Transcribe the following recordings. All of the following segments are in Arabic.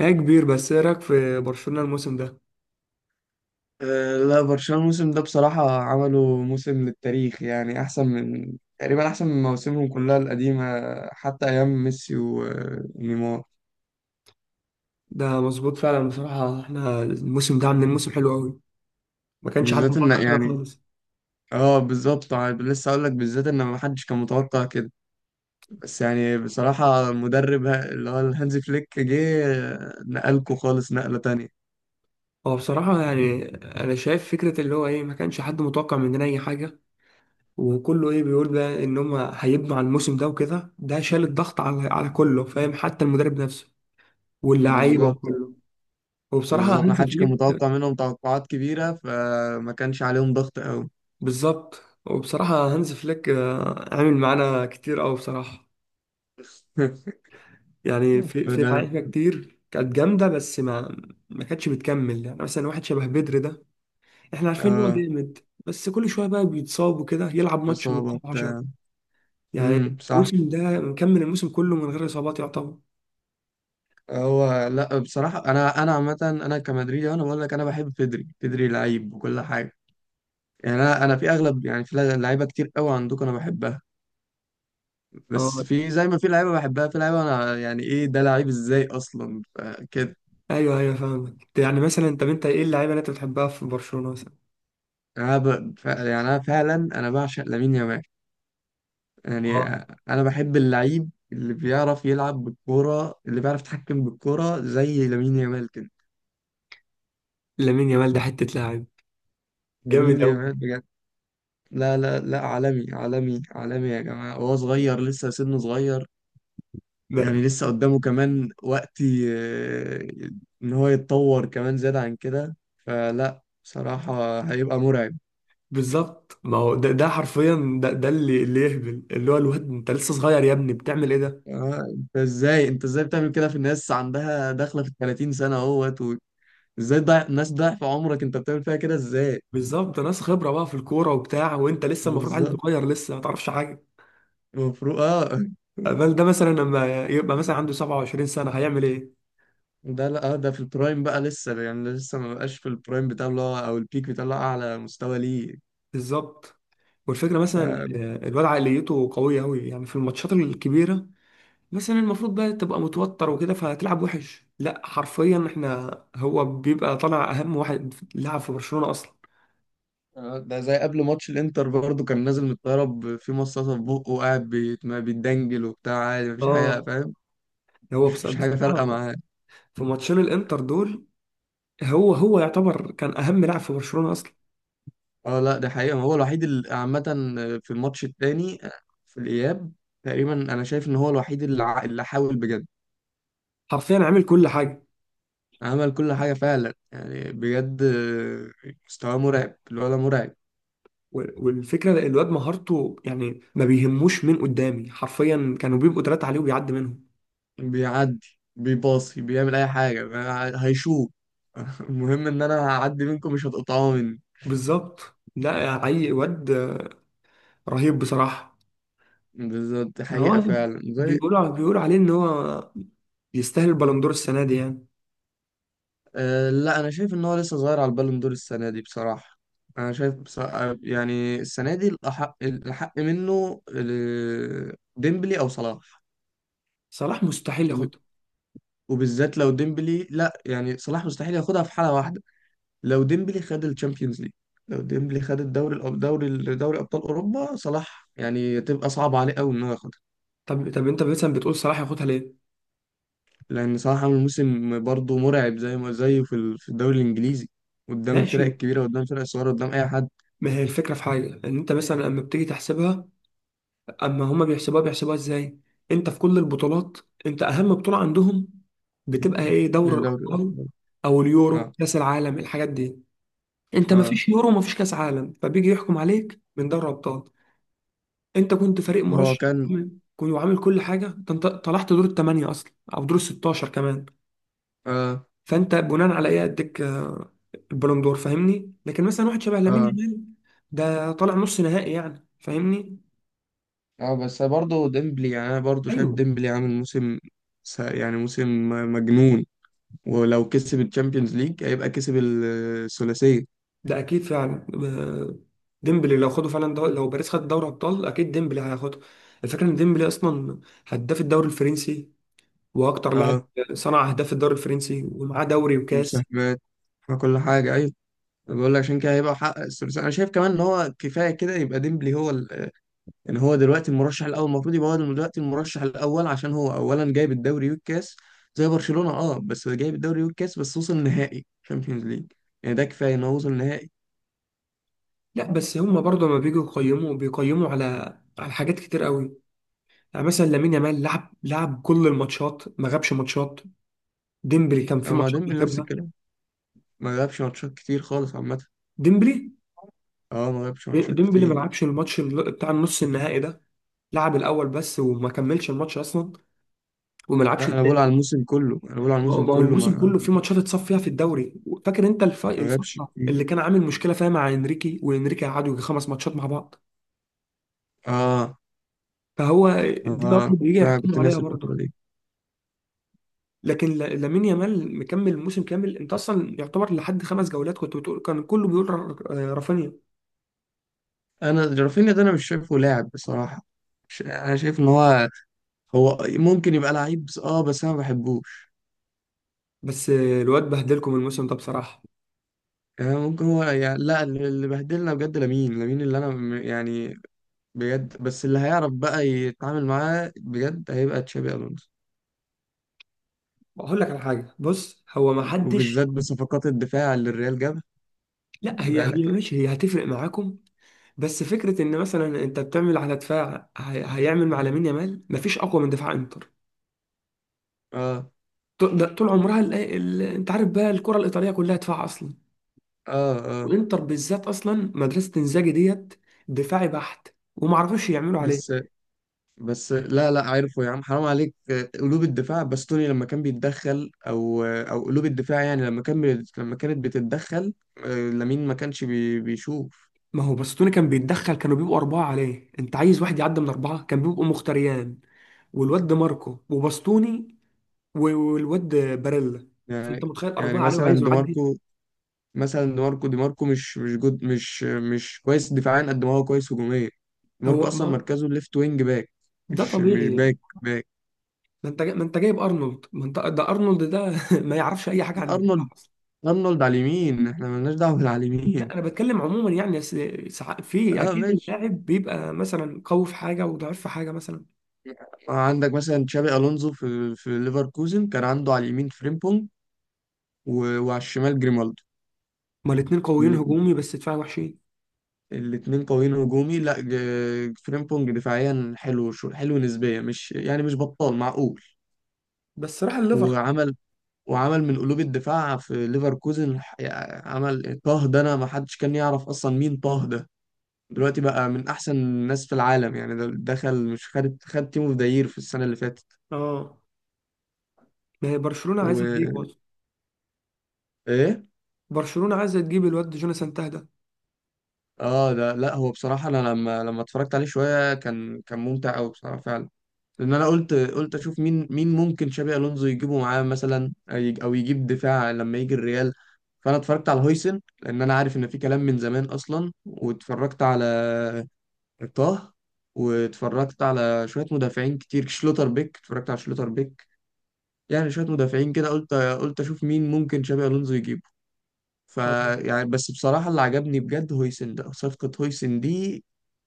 هي كبير، بس ايه رايك في برشلونة الموسم ده؟ لا، برشلونة الموسم ده بصراحة عملوا موسم للتاريخ، يعني أحسن من، تقريبا، أحسن من مواسمهم كلها القديمة، حتى أيام ميسي ونيمار. ده مظبوط فعلا. بصراحة احنا الموسم ده عاملين موسم حلو قوي، ما كانش حد بالذات إن متوقع كده يعني، خالص. اه بالظبط. لسه أقول لك، بالذات إن ما حدش كان متوقع كده. بس يعني بصراحة المدرب، اللي هو الهانز فليك، جه. نقلكوا خالص نقلة تانية. هو بصراحة يعني انا شايف فكرة اللي هو ايه، ما كانش حد متوقع مننا اي حاجة، وكله ايه بيقول بقى ان هم هيبنوا على الموسم ده، وكده ده شال الضغط على كله، فاهم؟ حتى المدرب نفسه واللعيبة بالظبط. وكله. وبصراحة بالظبط، ما هانز حدش كان فليك، متوقع منهم توقعات كبيرة، فما كانش عليهم ضغط أوي. بالظبط. وبصراحة هانز فليك عامل معانا كتير قوي بصراحة. يعني في بدل. لعيبه كتير كانت جامده، بس ما كانتش بتكمل. يعني مثلا واحد شبه بدر ده، احنا عارفين ان هو اه. جامد، بس كل شويه بقى بيتصاب وكده، يلعب ماتش إصابة ويتصاب 10. بتاع. يعني صح. الموسم ده مكمل الموسم كله من غير اصابات يعتبر. هو لا، بصراحه انا عامه، انا كمدريدي، انا بقول لك، انا بحب بيدري. بيدري لعيب وكل حاجه. يعني انا في اغلب، يعني في لعيبه كتير قوي عندكم انا بحبها. بس اه، في، زي ما في لعيبه بحبها، في لعيبه انا يعني ايه ده؟ لعيب ازاي اصلا، كده. ايوه ايوه فاهمك. يعني مثلا طب انت ايه اللعيبه اللي انت بتحبها في برشلونه مثلا؟ يعني انا فعلا انا بعشق لامين يامال. يعني اه، انا بحب اللعيب اللي بيعرف يلعب بالكوره، اللي بيعرف يتحكم بالكوره زي لامين يامال كده. لامين يامال ده حته لاعب جامد لامين قوي. يامال، لا لا لا، عالمي عالمي عالمي يا جماعة، هو صغير لسه، سنه صغير. ده، يعني لسه قدامه كمان وقت، إن هو يتطور كمان زيادة عن كده، فلا بصراحة هيبقى مرعب. بالظبط. ما هو ده ده حرفيا ده اللي يهبل، اللي هو الواد انت لسه صغير يا ابني بتعمل ايه ده؟ انت ازاي بتعمل كده في الناس عندها داخلة في ال 30 سنة اهوت ازاي؟ ضيع الناس ضعف عمرك، انت بتعمل فيها كده ازاي؟ بالظبط. ناس خبره بقى في الكوره وبتاع، وانت لسه المفروض عيل بالظبط. صغير لسه ما تعرفش حاجه. المفروض، اه. بل ده مثلا لما يبقى مثلا عنده 27 سنه هيعمل ايه؟ ده لا، ده في البرايم بقى. لسه يعني لسه ما بقاش في البرايم بتاعه، اللي هو او البيك بتاعه، اللي هو اعلى مستوى ليه. بالظبط. والفكره مثلا الواد عقليته قويه قوي، يعني في الماتشات الكبيره مثلا المفروض بقى تبقى متوتر وكده فهتلعب وحش، لا حرفيا احنا، هو بيبقى طالع اهم واحد لعب في برشلونه اصلا. ده زي قبل ماتش الانتر برضه، كان نازل من الطياره، في مصاصه في بقه وقاعد ما بيتدنجل وبتاع، عادي، مفيش حاجه، اه، فاهم؟ هو مش مش حاجه فارقه بصراحه معاه. في ماتشين الانتر دول، هو يعتبر كان اهم لاعب في برشلونه اصلا، اه لا، ده حقيقه، ما هو الوحيد اللي عامه. في الماتش التاني، في الاياب تقريبا، انا شايف ان هو الوحيد اللي، اللي حاول بجد. حرفيا عامل كل حاجه. عمل كل حاجه فعلا يعني بجد. مستواه مرعب، الولد مرعب. والفكرة الواد مهارته يعني ما بيهموش مين قدامي، حرفيا كانوا بيبقوا تلاتة عليه وبيعدي منهم. بيعدي، بيباصي، بيعمل اي حاجه، هيشوط. المهم ان انا هعدي منكم، مش هتقطعوا مني. بالظبط. لا، عي واد رهيب بصراحة. بالظبط، دي ما حقيقة هو فعلا زي. بيقولوا عليه ان هو يستاهل البالندور السنة دي يعني. أه لا، انا شايف ان هو لسه صغير على البالون دور السنه دي، بصراحه. انا شايف بصراحة، يعني السنه دي الاحق، الاحق منه، ديمبلي او صلاح. صلاح مستحيل وب- ياخدها. وبالذات لو ديمبلي. لا يعني صلاح مستحيل ياخدها في حاله واحده، لو ديمبلي خد الشامبيونز ليج. لو ديمبلي خد الدوري، دوري ابطال اوروبا، صلاح يعني تبقى صعب عليه قوي ان هو ياخدها. طب انت مثلا بتقول صلاح ياخدها ليه؟ لان صلاح عامل موسم برضه مرعب، زي ما زيه في في الدوري الانجليزي، قدام الفرق ماشي. الكبيره، قدام الفرق الصغيره، قدام اي حد. ما هي الفكرة في حاجة، ان انت مثلا لما بتيجي تحسبها، اما هما بيحسبوها ازاي؟ انت في كل البطولات، انت اهم بطولة عندهم بتبقى ايه؟ دوري من دوري الابطال الابطال. او اليورو آه. كاس العالم الحاجات دي. انت ما اه. فيش يورو، ما فيش كاس عالم، فبيجي يحكم عليك من دوري ابطال. انت كنت فريق هو مرشح كان. تمام، كنت وعامل كل حاجة، ده انت طلعت دور الثمانية اصلا او دور الستاشر كمان. اه. فانت بناء على ايه اديك البالون دور؟ فاهمني؟ لكن مثلا واحد شبه لامين اه. يامال ده طالع نص نهائي يعني، فاهمني. اه بس برضه ديمبلي يعني، انا برضه شايف ايوه، ديمبلي عامل موسم، يعني موسم مجنون. ولو كسب الشامبيونز ليج هيبقى كسب الثلاثية. ده اكيد فعلا. ديمبلي لو خدوا فعلا لو باريس خد دوري ابطال اكيد ديمبلي هياخده. الفكره ان ديمبلي اصلا هداف الدوري الفرنسي، واكتر لاعب اه، صنع اهداف الدوري الفرنسي، ومعاه دوري وكاس. ومساهمات وكل حاجة، ايوه. بقول لك، عشان كده هيبقى حقق الثلاثية، انا شايف كمان ان هو كفاية كده يبقى ديمبلي هو ال... ان هو دلوقتي المرشح الاول. المفروض يبقى هو دلوقتي المرشح الاول، عشان هو اولا جايب الدوري والكاس. زي برشلونة، اه، بس جايب الدوري والكاس، بس وصل نهائي شامبيونز ليج، يعني ده كفاية ان هو وصل نهائي. لا بس هم برضه لما بيجوا يقيموا بيقيموا على حاجات كتير قوي. يعني مثلا لامين يامال لعب كل الماتشات ما غابش ماتشات. ديمبلي كان في ما ماتشات ديمبلي نفس بيغيبها. الكلام، ما لعبش ماتشات كتير خالص عامة. ديمبلي اه ما لعبش ماتشات ديمبلي ما كتير. لعبش الماتش بتاع النص النهائي ده، لعب الاول بس وما كملش الماتش اصلا وما لعبش لا انا بقول على التاني. الموسم كله، انا بقول على ما هو الموسم ما هو كله ما الموسم ما كله في ماتشات لعبش، اتصف فيها في الدوري. فاكر انت ما لعبش الفتره كتير. اللي كان عامل مشكله فيها مع انريكي، وانريكي قعدوا يجي خمس ماتشات مع بعض، اه. فهو دي اه برضه بيجي لا، يحكموا كنت عليها ناسي الفترة برضه. دي. لكن لامين يامال مكمل موسم كامل، انت اصلا يعتبر لحد خمس جولات كنت بتقول كان كله بيقول رافينيا. انا رافينيا ده انا مش شايفه لاعب بصراحة. انا شايف ان هو، هو ممكن يبقى لعيب، بس اه بس انا ما بحبوش. بس الواد بهدلكم الموسم ده بصراحه. يعني ممكن هو، يعني لا، اللي اللي بهدلنا بجد لامين، لامين، اللي انا يعني بجد. بس اللي هيعرف بقى يتعامل معاه بجد هيبقى تشابي الونسو، اقول لك على حاجه، بص هو ما وبالذات حدش. بصفقات الدفاع اللي الريال جابها. لا خلي هي بالك يعني. ماشي، هي هتفرق معاكم. بس فكره ان مثلا انت بتعمل على دفاع هيعمل مع لامين يامال، مفيش اقوى من دفاع انتر. اه. طول ده طول عمرها انت عارف بقى الكره الايطاليه كلها دفاع اصلا. اه. اه. وانتر بالذات اصلا مدرسه انزاجي ديت، دفاعي بحت، وما عرفوش يعملوا عليه. بس، بس لا لا، عارفه يا عم، حرام عليك. قلوب الدفاع، باستوني لما كان بيتدخل، او او قلوب الدفاع يعني لما كان، لما كانت بتتدخل، لامين ما كانش بيشوف. ما هو باستوني كان بيتدخل، كانوا بيبقوا اربعه عليه، انت عايز واحد يعدي من اربعه؟ كان بيبقوا مختريان والواد دي ماركو وباستوني والواد باريلا، فانت يعني. متخيل يعني اربعه عليه مثلا وعايزه دي يعدي. ماركو، مثلا دي ماركو، دي ماركو مش جود، مش كويس دفاعيا قد ما هو كويس هجوميا. دي ماركو هو اصلا ما مركزه ليفت وينج باك، ده مش طبيعي. باك، باك. ما انت جايب ارنولد، ما انت ده ارنولد ده ما يعرفش اي حاجه عن ارنولد، الدفاع. ارنولد على اليمين، احنا مالناش دعوه بالعلى لا اليمين. انا بتكلم عموما، يعني في اه اكيد ماشي. اللاعب بيبقى مثلا قوي في حاجه وضعيف في حاجه مثلا. عندك مثلا تشابي الونزو في في ليفركوزن كان عنده على اليمين فريمبونج، وعلى الشمال جريمالدو. هما الاثنين قويين هجومي بس دفاعي وحشين. الاثنين قويين هجومي. لا، فريمبونج دفاعيا حلو، شو حلو نسبيا، مش يعني مش بطال، معقول. بس راح الليفر. وعمل، وعمل من قلوب الدفاع في ليفركوزن، يعني عمل طه ده، انا ما حدش كان يعرف اصلا مين طه ده. دلوقتي بقى من احسن الناس في العالم، يعني ده دخل، مش خد، خد تيم اوف ذا يير في السنه اللي فاتت. اه، ما هي برشلونه عايزه تجيب وايه. برضه، برشلونه عايزه تجيب الواد جوناثان تاه ده. اه ده لا، هو بصراحه انا لما اتفرجت عليه شويه، كان ممتع قوي بصراحه فعلا. لان انا قلت، قلت اشوف مين، مين ممكن شابي الونزو يجيبه معاه مثلا، او أو يجيب دفاع لما يجي الريال. فانا اتفرجت على هويسن، لان انا عارف ان في كلام من زمان اصلا، واتفرجت على طه، واتفرجت على شويه مدافعين كتير، شلوتر بيك، اتفرجت على شلوتر بيك. يعني شويه مدافعين كده قلت، قلت اشوف مين ممكن شابي الونزو يجيبه. آه. فيعني، بس بصراحة اللي عجبني بجد هويسن ده، صفقة هويسن دي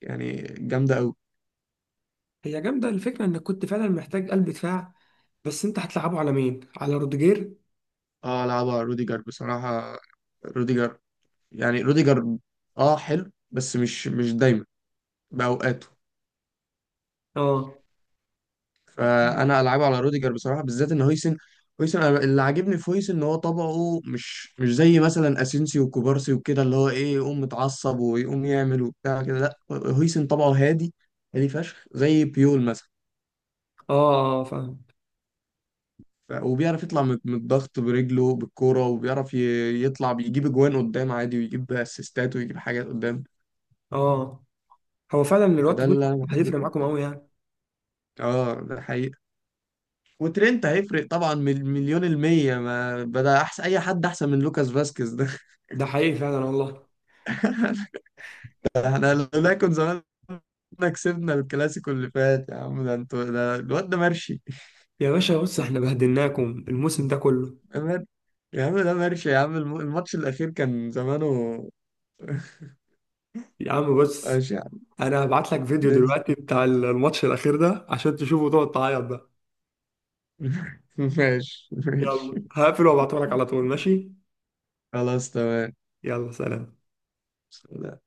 يعني جامدة أوي. هي جامده، الفكره انك كنت فعلا محتاج قلب دفاع، بس انت هتلعبه على مين؟ على روديجير؟ اه لعبها روديجر بصراحة. روديجر. يعني روديجر اه حلو، بس مش دايما، بأوقاته. اه فأنا ألعبه على روديجر بصراحة، بالذات إن هويسن، هويسن أنا اللي عاجبني في هويسن إن هو طبعه مش، مش زي مثلا أسينسي وكوبارسي وكده، اللي هو إيه، يقوم متعصب ويقوم يعمل وبتاع كده. لا، هويسن طبعه هادي، هادي فشخ، زي بيول مثلا. اه اه فاهم. وبيعرف يطلع من الضغط برجله بالكوره، وبيعرف يطلع بيجيب اجوان قدام عادي، ويجيب اسيستات، ويجيب حاجات قدام. اه، هو فعلا الواد فده هوش اللي انا بحبه هيفرق فيه معاكم قوي بصراحه. يعني. اه ده حقيقة. وترينت هيفرق طبعا، مليون المية، ما بدأ أحسن، أي حد أحسن من لوكاس فاسكيز ده. ده حقيقي فعلا والله. احنا لولا كنا زمان كسبنا الكلاسيكو اللي فات، يا عم، ده انتوا، ده الواد ده مرشي. يا باشا بص احنا بهدلناكم الموسم ده كله. أمان. يا عم ده مرشي، يا عم الماتش الأخير كان زمانه. يا عم بص ماشي يا عم. انا هبعت لك فيديو ننزل. دلوقتي بتاع الماتش الاخير ده عشان تشوفه وتقعد تعيط بقى. ماشي، ماشي، يلا هقفل وابعته لك على طول، ماشي؟ خلاص، تمام. يلا سلام.